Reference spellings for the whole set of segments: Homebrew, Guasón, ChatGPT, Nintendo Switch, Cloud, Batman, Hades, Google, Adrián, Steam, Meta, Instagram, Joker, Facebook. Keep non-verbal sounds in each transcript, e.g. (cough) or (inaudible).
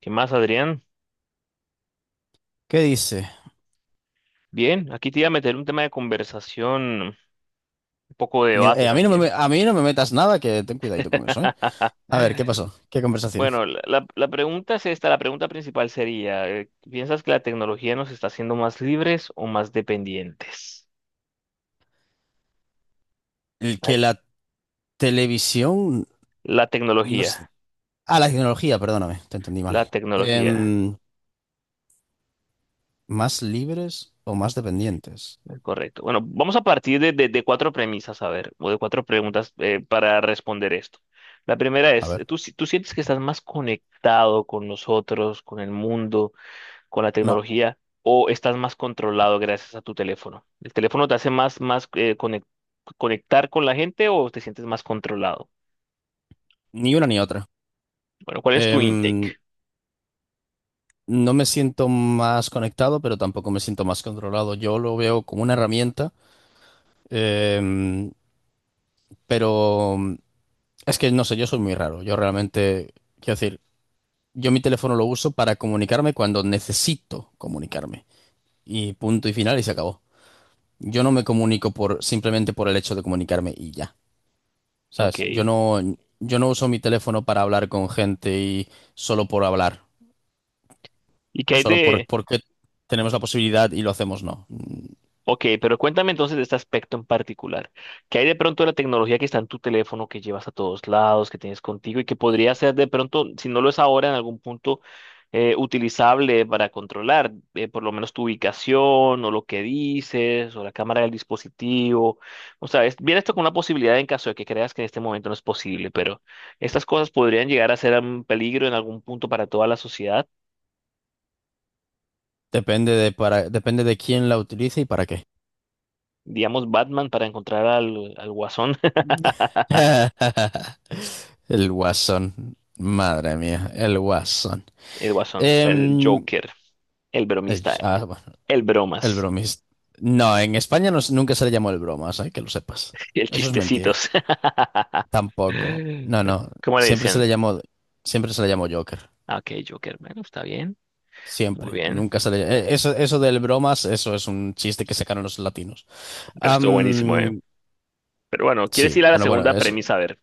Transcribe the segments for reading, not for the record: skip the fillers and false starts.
¿Qué más, Adrián? ¿Qué dice? Bien, aquí te iba a meter un tema de conversación, un poco de debate A mí no me, me- también. a mí no me metas nada, que ten cuidadito con eso, ¿eh? (laughs) A ver, ¿qué pasó? ¿Qué conversación? Bueno, la pregunta es esta, la pregunta principal sería, ¿piensas que la tecnología nos está haciendo más libres o más dependientes? El que Ay, la televisión La nos... tecnología, Ah, la tecnología, perdóname, te entendí mal. la tecnología, Em, ¿Más libres o más dependientes? Correcto. Bueno, vamos a partir de cuatro premisas, a ver, o de cuatro preguntas para responder esto. La primera A es, ver. ¿tú, si- tú sientes que estás más conectado con nosotros, con el mundo, con la No, tecnología, o estás más controlado gracias a tu teléfono? ¿El teléfono te hace más conectar con la gente o te sientes más controlado? ni una ni otra. Bueno, ¿cuál es tu Em, intake? no me siento más conectado, pero tampoco me siento más controlado. Yo lo veo como una herramienta, em, pero es que no sé, yo soy muy raro. Yo realmente, quiero decir... Yo mi teléfono lo uso para comunicarme cuando necesito comunicarme. Y punto y final y se acabó. Yo no me comunico por simplemente por el hecho de comunicarme y ya. OK. ¿Sabes? Yo no uso mi teléfono para hablar con gente y solo por hablar. ¿Y qué hay Solo por, de? porque tenemos la posibilidad y lo hacemos, no. OK, pero cuéntame entonces de este aspecto en particular. ¿Qué hay de pronto de la tecnología que está en tu teléfono, que llevas a todos lados, que tienes contigo y que podría ser de pronto, si no lo es ahora, en algún punto utilizable para controlar por lo menos tu ubicación o lo que dices o la cámara del dispositivo? O sea, viene esto con una posibilidad en caso de que creas que en este momento no es posible, pero estas cosas podrían llegar a ser un peligro en algún punto para toda la sociedad. Depende de para, depende de quién la utilice y para qué. Digamos, Batman para encontrar al Guasón, (laughs) El guasón. Madre mía, el guasón. el Guasón, el Em, Joker, el bromista, bueno. el El bromas, bromis. No, en España no, nunca se le llamó el bromas, hay que lo sepas. el Eso es mentira. chistecitos. Tampoco. (laughs) No, no. ¿Cómo le Siempre se le decían? llamó, Siempre se le llamó Joker. Ah, OK, Joker, bueno, está bien, muy Siempre. bien, Nunca se le Eso, eso del bromas, eso es un chiste que sacaron los latinos. pero estuvo buenísimo, ¿eh? Am, Pero bueno, ¿quieres sí, ir a la bueno, bueno, segunda eso, premisa? A ver.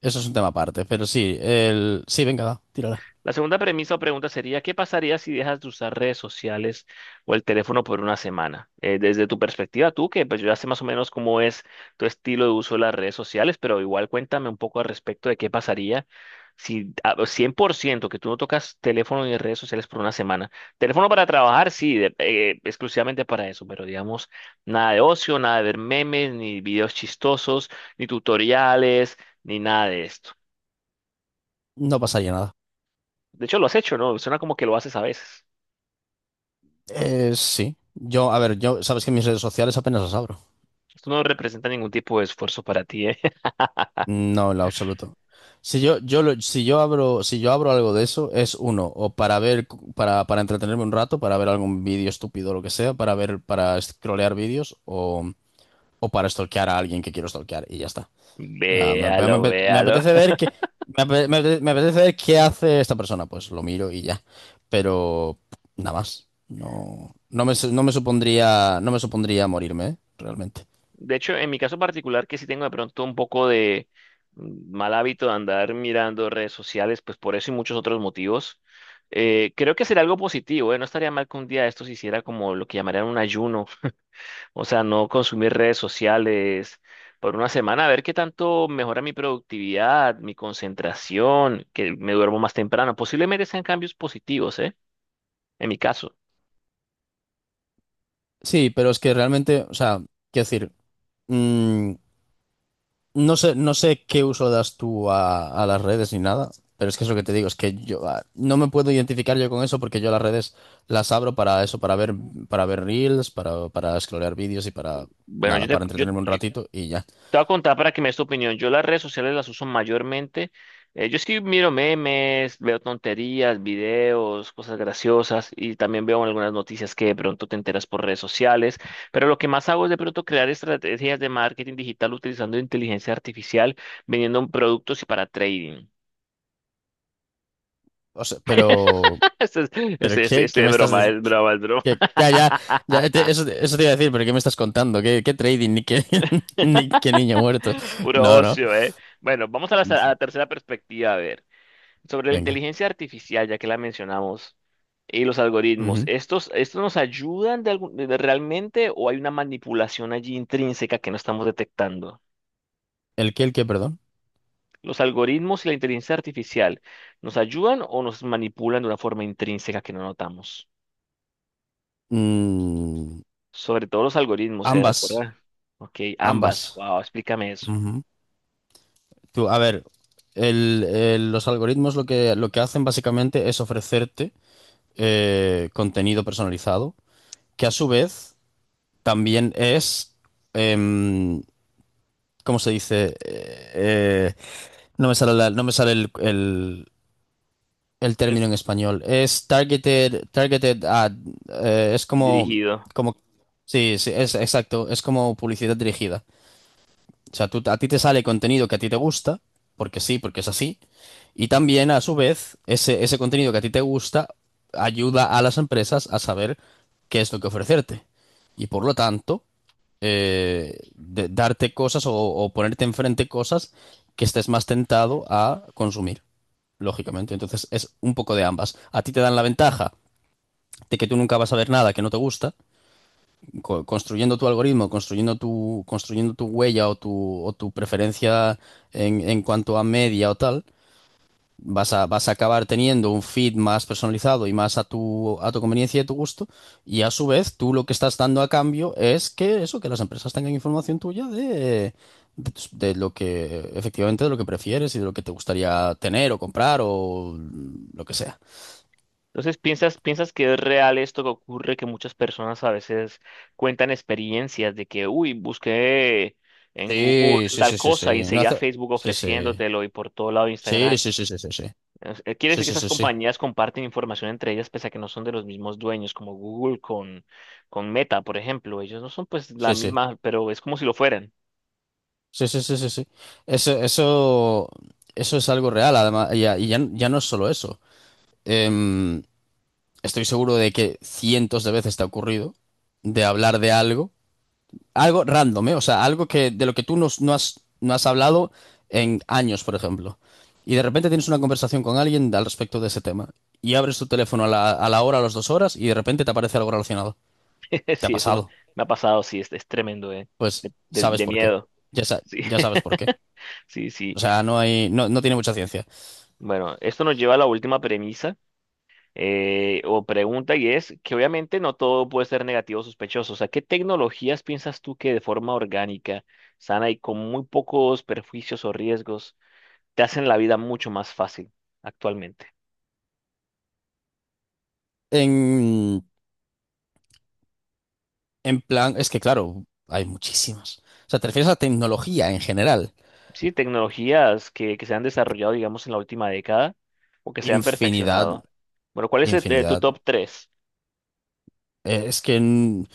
eso es un tema aparte. Pero sí, el. Sí, venga, va, tírala. La segunda premisa o pregunta sería, ¿qué pasaría si dejas de usar redes sociales o el teléfono por una semana? Desde tu perspectiva, tú, que pues yo ya sé más o menos cómo es tu estilo de uso de las redes sociales, pero igual cuéntame un poco al respecto de qué pasaría si 100% que tú no tocas teléfono ni redes sociales por una semana. Teléfono para trabajar, sí, exclusivamente para eso, pero digamos, nada de ocio, nada de ver memes, ni videos chistosos, ni tutoriales, ni nada de esto. No pasaría nada. De hecho, lo has hecho, ¿no? Suena como que lo haces a veces. Sí. Yo, a ver, yo, sabes que mis redes sociales apenas las abro. Esto no representa ningún tipo de esfuerzo para ti, ¿eh? (laughs) No, en lo absoluto. Si yo abro, si yo abro algo de eso, es uno, o para ver, para entretenerme un rato, para ver algún vídeo estúpido o lo que sea, para ver, para scrollear vídeos, o para stalkear a alguien que quiero stalkear, y ya está. O sea, Véalo, me véalo. apetece ver qué, me apetece ver qué hace esta persona, pues lo miro y ya. Pero nada más. No, no me supondría, no me supondría morirme, ¿eh? Realmente. De hecho, en mi caso particular, que sí tengo de pronto un poco de mal hábito de andar mirando redes sociales, pues por eso y muchos otros motivos, creo que sería algo positivo, ¿eh? No estaría mal que un día esto se hiciera como lo que llamarían un ayuno, o sea, no consumir redes sociales por una semana, a ver qué tanto mejora mi productividad, mi concentración, que me duermo más temprano. Posiblemente sean cambios positivos, ¿eh? En mi caso. Sí, pero es que realmente, o sea, quiero decir. mm, No sé, no sé qué uso das tú a las redes ni nada, pero es que es lo que te digo, es que no me puedo identificar yo con eso porque yo las redes las abro para eso, para ver reels, para scrollear vídeos y para Bueno, nada, para entretenerme un ratito y ya. te voy a contar para que me des tu opinión. Yo las redes sociales las uso mayormente. Yo sí miro memes, veo tonterías, videos, cosas graciosas y también veo algunas noticias que de pronto te enteras por redes sociales. Pero lo que más hago es de pronto crear estrategias de marketing digital utilizando inteligencia artificial, vendiendo productos y para trading. O sea, (laughs) Este es, pero este, este, ¿qué, qué este es me estás broma, diciendo? es broma, es broma. ya, ya, Eso, eso te iba a decir, pero ¿qué me estás contando? ¿Qué, qué trading? Ni qué, (laughs) ni (laughs) qué niño muerto. Puro No, no. ocio, ¿eh? Bueno, vamos a la tercera perspectiva, a ver. Sobre la Venga. inteligencia artificial, ya que la mencionamos. Y los algoritmos, Ujú. ¿estos nos ayudan realmente, o hay una manipulación allí intrínseca que no estamos detectando? El qué, perdón? ¿Los algoritmos y la inteligencia artificial nos ayudan o nos manipulan de una forma intrínseca que no notamos? Mm, Sobre todo los algoritmos, ¿eh? Ambas, ¿Recuerda? OK, ambas. ambas. Wow, explícame eso. Ujú. Tú, a ver, los algoritmos lo que hacen básicamente es ofrecerte contenido personalizado, que a su vez también es, em, ¿cómo se dice? No me sale no me sale el término Es en español. Es targeted, targeted ad, es como, dirigido. como, sí, sí, es exacto, es como publicidad dirigida. O sea, a ti te sale contenido que a ti te gusta, porque sí, porque es así. Y también, a su vez, ese contenido que a ti te gusta ayuda a las empresas a saber qué es lo que ofrecerte. Y por lo tanto, darte cosas o ponerte enfrente cosas que estés más tentado a consumir, lógicamente. Entonces, es un poco de ambas. A ti te dan la ventaja de que tú nunca vas a ver nada que no te gusta, construyendo tu algoritmo, construyendo tu huella o tu preferencia en cuanto a media o tal, vas a, vas a acabar teniendo un feed más personalizado y más a tu conveniencia y a tu gusto. Y a su vez, tú lo que estás dando a cambio es que eso, que las empresas tengan información tuya de, de lo que efectivamente de lo que prefieres y de lo que te gustaría tener o comprar o lo que sea. Entonces, ¿piensas que es real esto que ocurre, que muchas personas a veces cuentan experiencias de que, uy, busqué en Google Sí, sí, tal sí, sí, cosa y sí. No enseguida hace- Facebook Sí, sí. ofreciéndotelo y por todo lado Sí, Instagram? sí, sí, sí, sí, sí. Quiere Sí, decir que sí, esas sí, sí. compañías comparten información entre ellas pese a que no son de los mismos dueños, como Google con Meta, por ejemplo. Ellos no son pues la Sí, sí, misma, pero es como si lo fueran. sí, sí, sí, sí, sí. Eso, eso, eso es algo real, además, y ya, ya no es solo eso. Em, Estoy seguro de que cientos de veces te ha ocurrido de hablar de algo, algo random, ¿eh? O sea, algo que, de lo que tú no has, no has hablado en años, por ejemplo. Y de repente tienes una conversación con alguien al respecto de ese tema. Y abres tu teléfono a la hora, a las dos horas, y de repente te aparece algo relacionado. (laughs) Te ha Sí, eso pasado. me ha pasado, sí, es tremendo, de, Pues de sabes de por qué. miedo. Sí, Ya sabes por qué. (laughs) sí, O sí. sea, no hay, no tiene mucha ciencia. Bueno, esto nos lleva a la última premisa o pregunta, y es que obviamente no todo puede ser negativo o sospechoso. O sea, ¿qué tecnologías piensas tú que de forma orgánica, sana y con muy pocos perjuicios o riesgos te hacen la vida mucho más fácil actualmente? En, en plan, es que claro, hay muchísimas. O sea, te refieres a tecnología en general. Sí, tecnologías que se han desarrollado, digamos, en la última década o que se han Infinidad, perfeccionado. Bueno, ¿cuál es tu infinidad. top tres? Es que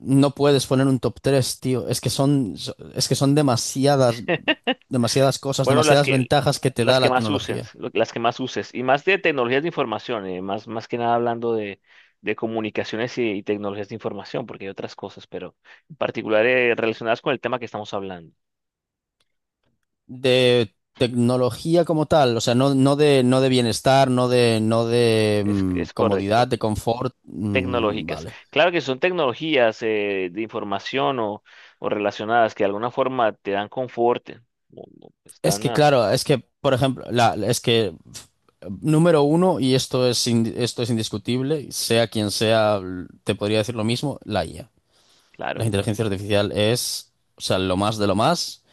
no puedes poner un top 3 tío. Es que son, es que son demasiadas, demasiadas cosas, Bueno, demasiadas ventajas que te da la tecnología. Las que más uses, y más de tecnologías de información, más que nada hablando de comunicaciones y tecnologías de información, porque hay otras cosas, pero en particular relacionadas con el tema que estamos hablando. De tecnología como tal, o sea, no, no de, no de bienestar, no de, no de Es, mm, es comodidad, correcto, de confort. Tecnológicas. Vale. Claro que son tecnologías de información o relacionadas que de alguna forma te dan confort, o Es están, que ah. claro, es que, por ejemplo, la, número uno, y esto es, esto es indiscutible, sea quien sea, te podría decir lo mismo, la IA. La Claro, inteligencia artificial es, o sea, lo más de lo más.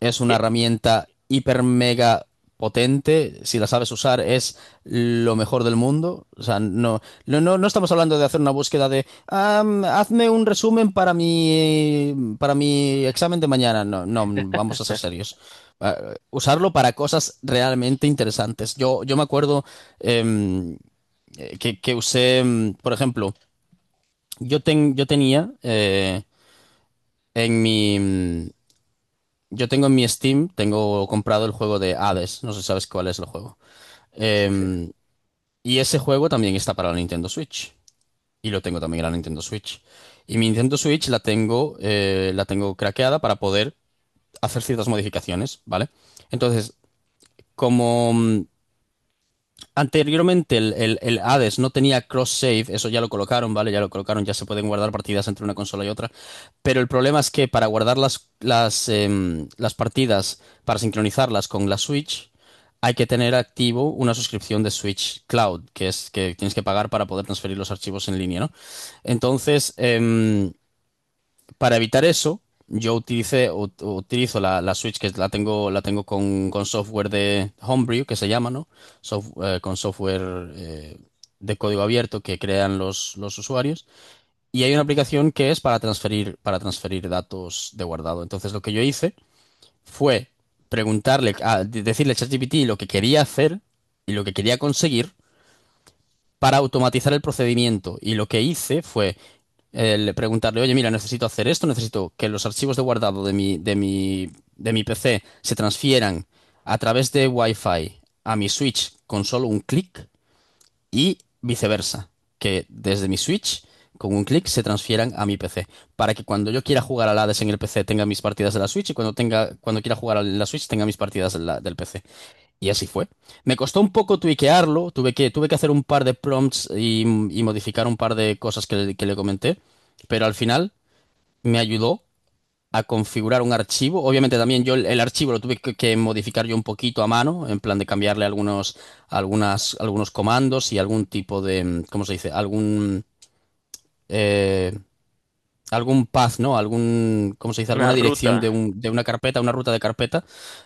Es una bien, herramienta hiper mega potente. Si la sabes usar, es lo mejor del mundo. O sea, no, no estamos hablando de hacer una búsqueda de hazme un resumen para mi examen de mañana. No, no, vamos a ser serios. Ah, usarlo para cosas realmente interesantes. Yo me acuerdo em, que usé, por ejemplo, yo tenía en mi, yo tengo en mi Steam, tengo comprado el juego de Hades, no sé si sabes cuál es el juego. sí, sí. Em, y ese juego también está para la Nintendo Switch. Y lo tengo también en la Nintendo Switch. Y mi Nintendo Switch la tengo craqueada para poder hacer ciertas modificaciones, ¿vale? Entonces, como, anteriormente el, el Hades no tenía cross-save, eso ya lo colocaron, ¿vale? Ya lo colocaron, ya se pueden guardar partidas entre una consola y otra, pero el problema es que para guardar las, las partidas, para sincronizarlas con la Switch, hay que tener activo una suscripción de Switch Cloud, que es que tienes que pagar para poder transferir los archivos en línea, ¿no? Entonces, para evitar eso, utilizo la, la Switch que la tengo con software de Homebrew, que se llama, ¿no? Con software de código abierto que crean los usuarios. Y hay una aplicación que es para transferir datos de guardado. Entonces lo que yo hice fue preguntarle, decirle a ChatGPT lo que quería hacer y lo que quería conseguir para automatizar el procedimiento. Y lo que hice fue preguntarle, oye, mira, necesito hacer esto, necesito que los archivos de guardado de mi, de mi, de mi PC se transfieran a través de Wi-Fi a mi Switch con solo un clic y viceversa, que desde mi Switch con un clic se transfieran a mi PC, para que cuando yo quiera jugar al Hades en el PC tenga mis partidas de la Switch y cuando tenga, cuando quiera jugar a la Switch tenga mis partidas de del PC. Y así fue. Me costó un poco tuiquearlo, tuve que hacer un par de prompts y modificar un par de cosas que, que le comenté, pero al final me ayudó a configurar un archivo. Obviamente también yo el archivo lo tuve que modificar yo un poquito a mano, en plan de cambiarle algunos, algunas, algunos comandos y algún tipo de, ¿cómo se dice? Algún, eh, algún path, ¿no? Algún, ¿cómo se dice? Una Alguna dirección ruta, de, de una carpeta, una ruta de carpeta.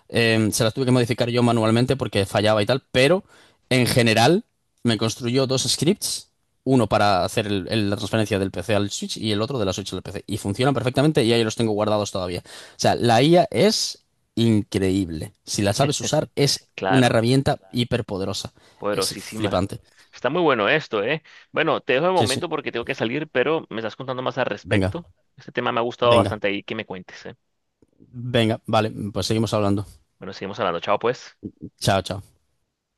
Se las tuve que modificar yo manualmente porque fallaba y tal, pero en general me construyó 2 scripts, uno para hacer la transferencia del PC al Switch y el otro de la Switch al PC. Y funcionan perfectamente y ahí los tengo guardados todavía. O sea, la IA es increíble. Si la sabes usar, es una claro. herramienta hiperpoderosa. Es Poderosísima. flipante. Está muy bueno esto, ¿eh? Bueno, te dejo de Sí, sí. momento porque tengo que salir, pero me estás contando más al Venga, respecto. Este tema me ha gustado venga, bastante ahí que me cuentes, ¿eh? venga. Vale, pues seguimos hablando. Bueno, seguimos hablando. Chao, pues. Chao, chao.